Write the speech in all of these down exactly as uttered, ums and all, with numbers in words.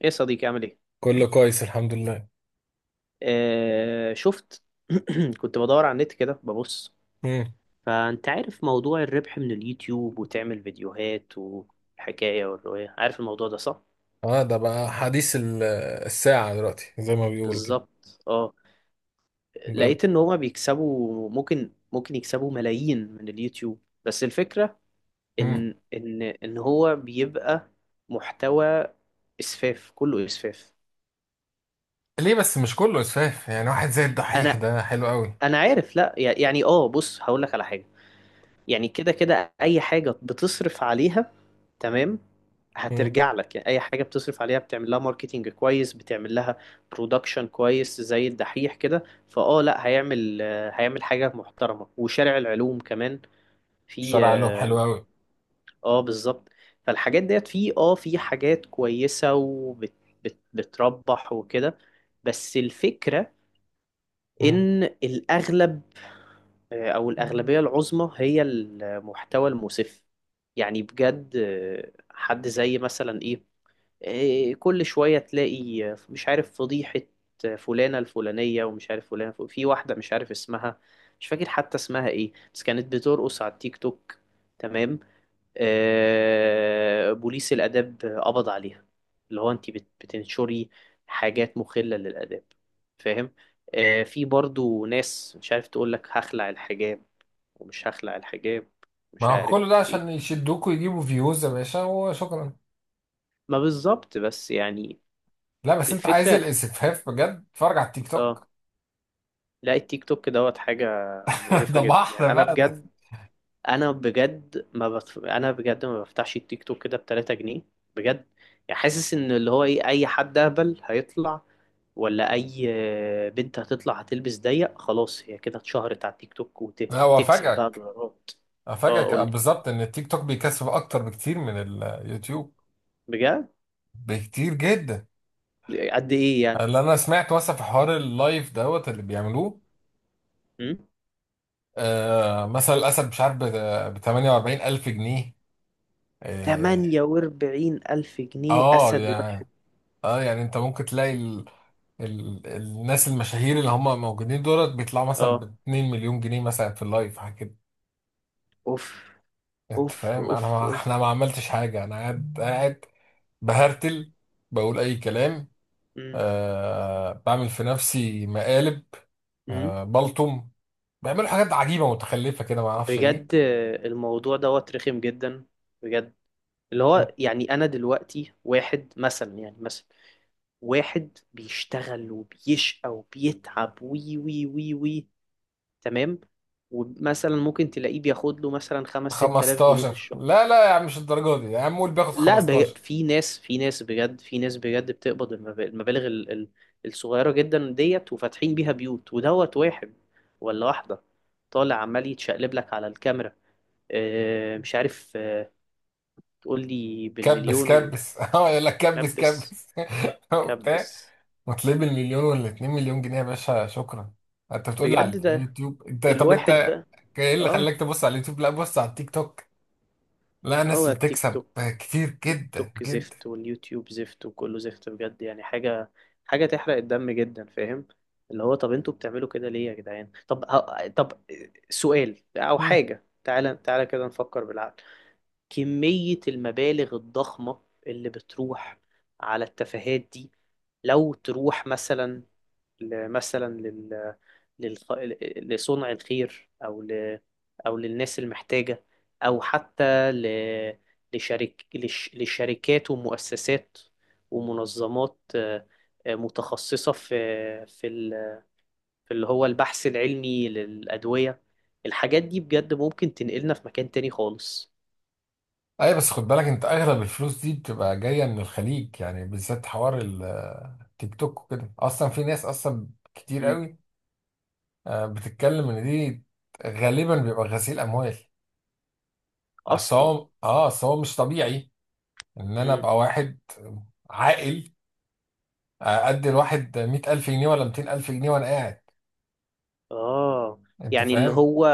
ايه يا صديقي عامل ايه؟ كله كويس الحمد لله. آه شفت. كنت بدور على النت كده ببص. امم فانت عارف موضوع الربح من اليوتيوب وتعمل فيديوهات والحكاية والرواية، عارف الموضوع ده صح؟ اه ده بقى حديث ال- الساعة دلوقتي زي ما بيقولوا كده. بالظبط اه. بجد. لقيت ان هما بيكسبوا ممكن ممكن يكسبوا ملايين من اليوتيوب، بس الفكرة مم. ان ان ان هو بيبقى محتوى اسفاف، كله اسفاف. ليه بس مش كله اسفاف، يعني واحد زي الدحيح انا ده حلو قوي. انا عارف، لا يعني اه بص هقول لك على حاجة. يعني كده كده اي حاجة بتصرف عليها، تمام، امم هترجع لك. يعني اي حاجه بتصرف عليها، بتعمل لها ماركتينج كويس، بتعمل لها برودكشن كويس زي الدحيح كده. فاه لا هيعمل، آه، هيعمل حاجه محترمه، وشارع العلوم كمان في الشارع قال لهم اه حلو قوي. آه، بالظبط. فالحاجات ديت في اه في حاجات كويسه وبتربح وكده. بس الفكره مم. ان الاغلب، آه، او الاغلبيه العظمى، هي المحتوى المسف. يعني بجد، آه، حد زي مثلا ايه، إيه، كل شوية تلاقي، آه، مش عارف، فضيحة، آه، فلانة الفلانية، ومش عارف فلانة الفل- في واحدة مش عارف اسمها، مش فاكر حتى اسمها ايه، بس كانت بترقص على التيك توك، تمام، آه، بوليس الآداب قبض عليها. اللي هو انت بت- بتنشري حاجات مخلة للآداب، فاهم؟ آه، في برضو ناس مش عارف، تقول لك هخلع الحجاب ومش هخلع الحجاب، مش ما هو عارف كله ده عشان ايه. يشدوك ويجيبوا فيوز يا باشا وشكرا. ما بالظبط، بس يعني لا بس انت عايز الفكرة. الاسفاف بجد، اتفرج على التيك اه. توك. لا التيك توك دوت حاجة ده مقرفة جدا، يعني بحر أنا بقى ده. بجد، أنا بجد ما بتف... أنا بجد ما بفتحش التيك توك كده بتلاتة جنيه، بجد. يعني حاسس إن اللي هو إيه، أي حد أهبل هيطلع، ولا أي بنت هتطلع هتلبس ضيق، خلاص هي كده اتشهرت على التيك توك لا هو وتكسب بقى افاجئك دولارات. اه افاجئك قولي، بالظبط ان التيك توك بيكسب اكتر بكتير من اليوتيوب، بجد؟ بكتير جدا. قد إيه يعني؟ اللي انا سمعت مثلا في حوار اللايف دوت اللي بيعملوه، م? آه مثلا الاسد مش عارف ب ثمانية واربعين الف جنيه. اه. تمانية واربعين ألف جنيه آه، أسد واحد؟ يعني اه يعني انت ممكن تلاقي ال ال الناس المشاهير اللي هم موجودين دولت بيطلعوا مثلا ب اه. اتنين مليون جنيه مثلا، في اللايف حاجه كده. أوف انت أوف فاهم؟ انا أوف ما احنا أوف. ما عملتش حاجه، انا قاعد قاعد بهرتل، بقول اي كلام. م? آه بعمل في نفسي مقالب. م? آه بلطم. بيعملوا حاجات عجيبه متخلفه كده ما اعرفش ايه. بجد الموضوع دوت رخم جدا، بجد. اللي هو يعني انا دلوقتي، واحد مثلا، يعني مثلا واحد بيشتغل وبيشقى وبيتعب وي وي وي وي، تمام، ومثلا ممكن تلاقيه بياخد له مثلا خمس ست آلاف جنيه في خمستاشر، الشهر. لا لا يا عم، مش الدرجه دي يا عم، قول بياخد لا بج... خمستاشر. في ناس، في ناس بجد، في ناس بجد بتقبض المب- المبالغ ال... ال... الصغيرة جدا ديت وفاتحين بيها بيوت. ودوت واحد ولا واحدة طالع عمال يتشقلب لك على الكاميرا، آه، مش عارف، تقول لي كبس بالمليون. كبس اه يقول لك كبس وكبس كبس وبتاع. كبس، وتلاقيه بالمليون ولا اتنين مليون جنيه، يا باشا شكرا. انت بتقول لي على بجد؟ ده اليوتيوب. انت طب انت الواحد بقى، ايه اللي اه. خلاك تبص على اليوتيوب؟ لا بص على التيك توك. لا هو ناس التيك بتكسب توك، كتير تيك جدا توك جدا. زفت واليوتيوب زفت وكله زفت، بجد. يعني حاجة، حاجة تحرق الدم جدا، فاهم؟ اللي هو طب انتوا بتعملوا كده ليه يا جدعان؟ طب ه- طب سؤال او مم. حاجة، تعالى تعالى كده نفكر بالعقل. كمية المبالغ الضخمة اللي بتروح على التفاهات دي، لو تروح مثلا ل- مثلا لل... للخ... لصنع الخير، او ل... او للناس المحتاجة، او حتى ل... لشرك... لش... لشركات ومؤسسات ومنظمات، آه، آه، متخصصة في في ال... في اللي هو البحث العلمي للأدوية، الحاجات دي بجد ممكن تنقلنا في مكان تاني خالص. اي بس خد بالك انت اغلب الفلوس دي بتبقى جايه من الخليج، يعني بالذات حوار ال- التيك توك وكده، اصلا في ناس اصلا كتير مم. قوي آه، بتتكلم ان دي غالبا بيبقى غسيل اموال. اصل أصلا هو اه اصل هو مش طبيعي ان انا ابقى واحد عاقل، ادي الواحد مية الف جنيه ولا ميتين الف جنيه وانا قاعد. اه. انت يعني اللي فاهم؟ هو،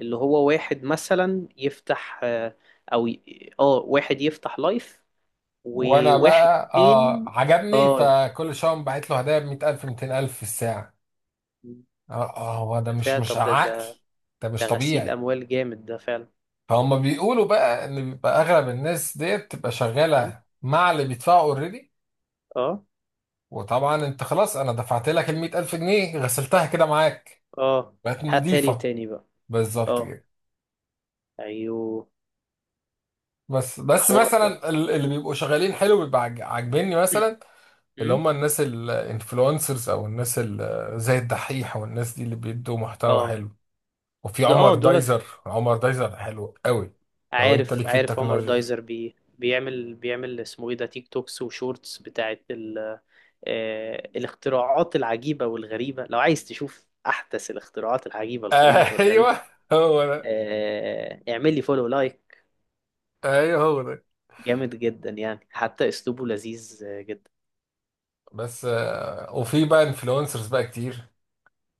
اللي هو واحد مثلا يفتح آه، او ي- اه واحد يفتح لايف، وانا وواحد بقى اه تاني عجبني، اه. فكل شويه بعت له هدايا ب مية الف ميتين الف في الساعه. اه اه هو ده ده مش فعلا، مش طب ده عقل. ده، ده مش ده غسيل طبيعي. اموال جامد ده فعلا. فهم بيقولوا بقى ان بيبقى اغلب الناس ديت بتبقى م? شغاله مع اللي بيدفعوا اوريدي، اه وطبعا انت خلاص، انا دفعت لك ال مية الف جنيه غسلتها كده معاك، اه بقت هاتها لي نظيفه. تاني بقى. بالظبط اه كده. ايوه. بس ده بس حوار ده. مثلا، ال- اللي بيبقوا شغالين حلو بيبقى عاج- عاجبني، مثلا اللي م? هم الناس الانفلونسرز، او الناس ال- زي الدحيح، والناس دي اللي بيدوا محتوى اه حلو. وفي ده عمر اه دولت. دايزر، عمر دايزر حلو قوي. لو انت عارف، ليك في عارف عمر التكنولوجيا. دايزر، بي بيعمل بيعمل اسمه ايه ده تيك توكس وشورتس بتاعت ال، آه، الاختراعات العجيبة والغريبة. لو عايز تشوف أحدث الاختراعات العجيبة والغريبة والغريبة، ايوه هو ده، آه، اعمل لي فولو لايك. ايوه هو ده. جامد جدا، يعني حتى أسلوبه لذيذ آه، جدا. بس آه، وفي بقى انفلونسرز بقى كتير.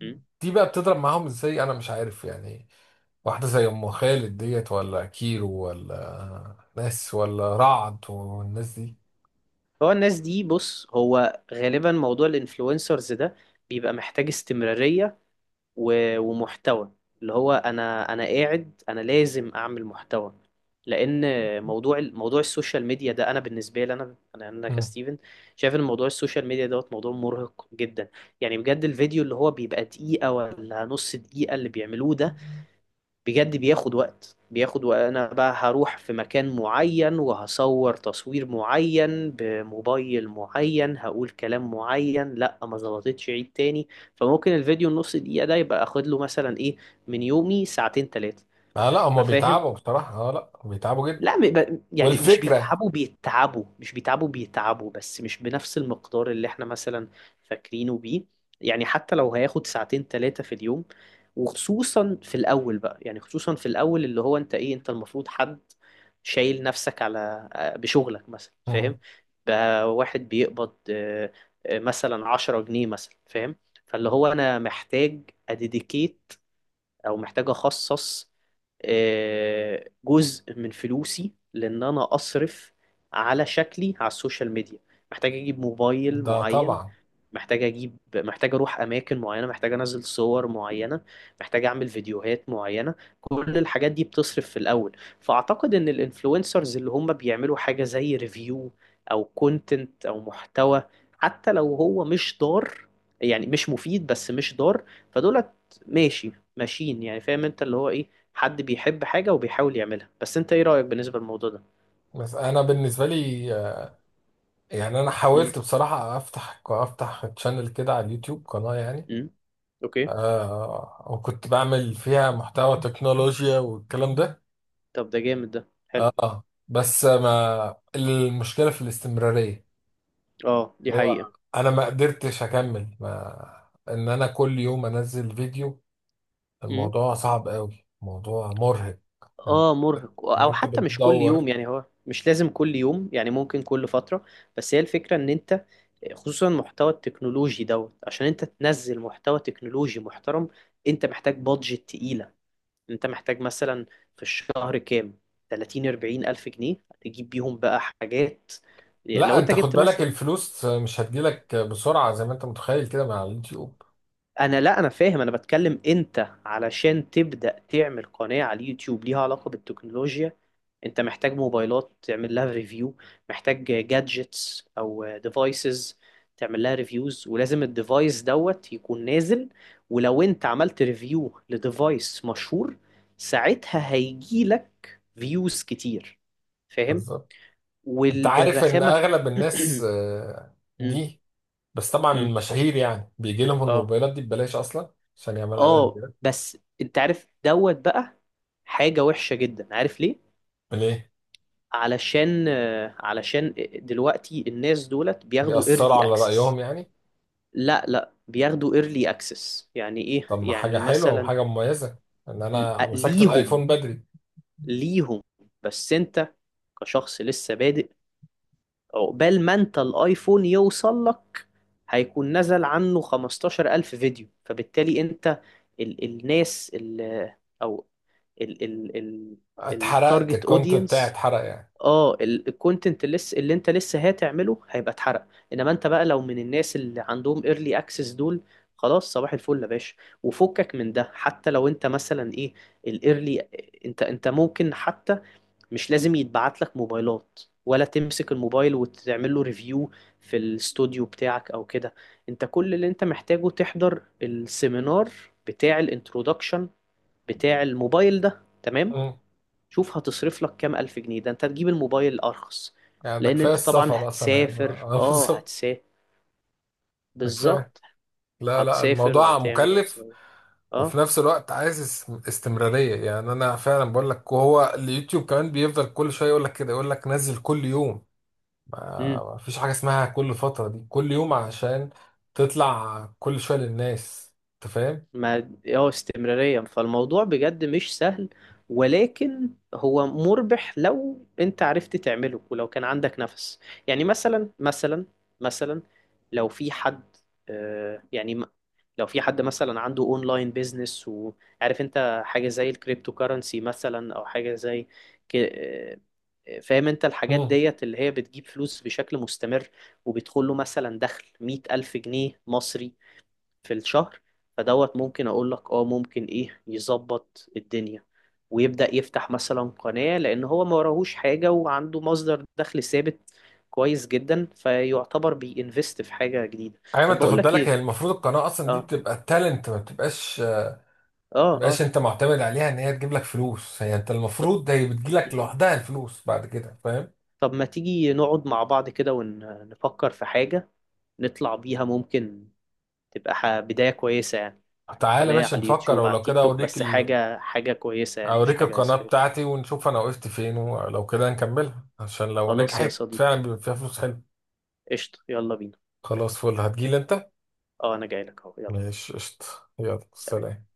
م? دي بقى بتضرب معاهم ازاي انا مش عارف يعني. واحدة زي ام خالد ديت ولا كيرو ولا ناس ولا رعد والناس دي. هو الناس دي، بص، هو غالبا موضوع الانفلونسرز ده بيبقى محتاج استمرارية، و- ومحتوى. اللي هو انا انا قاعد، انا لازم اعمل محتوى، لان موضوع ال- موضوع السوشيال ميديا ده، انا بالنسبه لي، انا انا انا مم. كستيفن شايف ان موضوع السوشيال ميديا دوت موضوع مرهق جدا. يعني بجد الفيديو اللي هو بيبقى دقيقه ولا نص دقيقه اللي بيعملوه ده، بجد بياخد وقت بياخد وقت. انا بقى هروح في مكان معين وهصور تصوير معين بموبايل معين، هقول كلام معين، لا ما ظبطتش، عيد تاني. فممكن الفيديو النص دقيقة ده يبقى اخد له مثلا ايه، من يومي ساعتين تلاتة. آه لا هما ففاهم. بيتعبوا بصراحة، اه لا بيتعبوا جدا. لا م- ب- يعني مش والفكرة. بيتعبوا، بيتعبوا، مش بيتعبوا، بيتعبوا، بس مش بنفس المقدار اللي احنا مثلا فاكرينه بيه. يعني حتى لو هياخد ساعتين ثلاثة في اليوم، وخصوصا في الأول بقى، يعني خصوصا في الأول، اللي هو انت ايه، انت المفروض حد شايل نفسك على آه، بشغلك مثلا، مم. فاهم؟ بقى واحد بيقبض آه، آه، مثلا عشرة جنيه مثلا، فاهم؟ فاللي هو انا محتاج اديديكيت، او محتاج اخصص آه، جزء من فلوسي، لان انا اصرف على شكلي على السوشيال ميديا، محتاج اجيب موبايل ده معين، طبعا. محتاج اجيب محتاج اروح اماكن معينه، محتاج انزل صور معينه، محتاج اعمل فيديوهات معينه. كل الحاجات دي بتصرف في الاول. فاعتقد ان الانفلونسرز اللي هم بيعملوا حاجه زي ريفيو، او كونتنت او محتوى، حتى لو هو مش ضار، يعني مش مفيد بس مش ضار، فدولت ماشي، ماشيين يعني، فاهم انت، اللي هو ايه، حد بيحب حاجه وبيحاول يعملها. بس انت ايه رايك بالنسبه للموضوع ده؟ بس انا بالنسبة لي آه، يعني انا امم. حاولت بصراحة افتح افتح تشانل كده على اليوتيوب، قناة يعني. امم. اوكي. آه وكنت بعمل فيها محتوى تكنولوجيا والكلام ده. طب ده جامد، ده حلو. اه بس ما المشكلة في الاستمرارية. اه دي حقيقه. هو انا ما قدرتش اكمل، ما ان انا كل يوم انزل فيديو. الموضوع صعب قوي، موضوع مرهق. ان اه مرهق، إن او انت حتى مش كل بتدور. يوم، يعني هو مش لازم كل يوم، يعني ممكن كل فترة. بس هي الفكرة ان انت، خصوصا المحتوى التكنولوجي دوت، عشان انت تنزل محتوى تكنولوجي محترم انت محتاج بادجت تقيلة. انت محتاج مثلا في الشهر كام، ثلاثون اربعين الف جنيه، تجيب بيهم بقى حاجات. لا لو انت انت خد جبت بالك مثلا، الفلوس مش هتجيلك بسرعة زي ما انت متخيل كده مع اليوتيوب. انا لا انا فاهم، انا بتكلم انت علشان تبدأ تعمل قناة على اليوتيوب ليها علاقة بالتكنولوجيا، انت محتاج موبايلات تعمل لها ريفيو، محتاج جادجتس او ديفايسز تعمل لها ريفيوز، ولازم الديفايس دوت يكون نازل. ولو انت عملت ريفيو لديفايس مشهور، ساعتها هيجي لك فيوز كتير، فاهم؟ بالظبط. انت عارف ان والرخامة في... اغلب الناس آه، م- دي، بس طبعا م. المشاهير يعني بيجي لهم اه الموبايلات دي ببلاش اصلا، عشان يعملوا عليها اه كده. بس انت عارف دوت بقى حاجة وحشة جدا، عارف ليه؟ ليه؟ علشان آه، علشان دلوقتي الناس دولت بياخدوا بيأثروا early على access. رأيهم يعني؟ لا لا بياخدوا early access يعني ايه، طب ما حاجة يعني حلوة مثلا وحاجة مميزة، ان ل- انا مسكت ليهم، الايفون بدري. ليهم، بس انت كشخص لسه بادئ، عقبال ما انت الايفون يوصل لك هيكون نزل عنه خمستاشر الف ألف فيديو، فبالتالي انت، ال الناس ال او ال ال ال اتحرقت التارجت الكونت بتاعي، اودينس، اتحرق يعني. اه الكونتنت اللي لسه، اللي انت لسه هتعمله هيبقى اتحرق. انما انت بقى لو من الناس اللي عندهم ايرلي اكسس دول، خلاص صباح الفل يا باشا، وفكك من ده. حتى لو انت مثلا ايه الايرلي، انت، انت ممكن حتى مش لازم يتبعت لك موبايلات ولا تمسك الموبايل وتعمل له ريفيو في الاستوديو بتاعك او كده. انت كل اللي انت محتاجه تحضر السيمينار بتاع الانترودكشن بتاع الموبايل ده، تمام؟ مم. شوف هتصرف لك كام ألف جنيه، ده انت تجيب الموبايل الأرخص. يعني ده لأن كفايه انت طبعا السفر اصلا هيبقى هتسافر، اه اه بالظبط. هتسافر، ده كفايه. بالظبط، لا لا هتسافر الموضوع وهتعمل مكلف. وهتسافر، وفي اه. نفس الوقت عايز اس- استمراريه. يعني انا فعلا بقول لك، وهو اليوتيوب كمان بيفضل كل شويه يقول لك كده، يقول لك نزل كل يوم. ما امم. ما فيش حاجه اسمها كل فتره دي، كل يوم عشان تطلع كل شويه للناس. انت فاهم؟ ما اه استمرارية. فالموضوع بجد مش سهل، ولكن هو مربح لو انت عرفت تعمله ولو كان عندك نفس. يعني مثلا، مثلا، مثلا، لو في حد آه، يعني لو في حد مثلا عنده اونلاين بيزنس، وعارف انت حاجة زي الكريبتو كارنسي مثلا، او حاجة زي ك... آه، فاهم انت الحاجات مم. ديت اللي هي بتجيب فلوس بشكل مستمر، وبيدخل له مثلا دخل مية ألف جنيه مصري في الشهر، فدوت ممكن اقول لك اه ممكن ايه يظبط الدنيا ويبدأ يفتح مثلا قناة، لان هو ما وراهوش حاجة وعنده مصدر دخل ثابت كويس جدا، فيعتبر بينفست في حاجة جديدة. ايوه ما طب انت بقول خد لك بالك هي ايه، المفروض القناه اصلا دي اه بتبقى تالنت، ما بتبقاش اه تبقاش اه انت معتمد عليها ان هي تجيب لك فلوس، هي انت ط- المفروض هي بتجي لك لوحدها الفلوس بعد كده، فاهم. طب ما تيجي نقعد مع بعض كده ونفكر في حاجة نطلع بيها، ممكن تبقى ح- بداية كويسة يعني، تعالى قناة ماشي على نفكر، اليوتيوب، على ولو التيك كده توك، اوريك بس ال... حاجة، حاجة كويسة يعني، مش اوريك حاجة القناة اسفل. بتاعتي، ونشوف انا وقفت فين، ولو كده نكملها عشان لو خلاص يا نجحت صديقي، فعلا بيبقى فيها فلوس حلوه. قشطة، يلا بينا. خلاص فل هتجيلي انت. اه انا جاي لك اهو، يلا. ماشي قشطة. يلا سلام. سلام.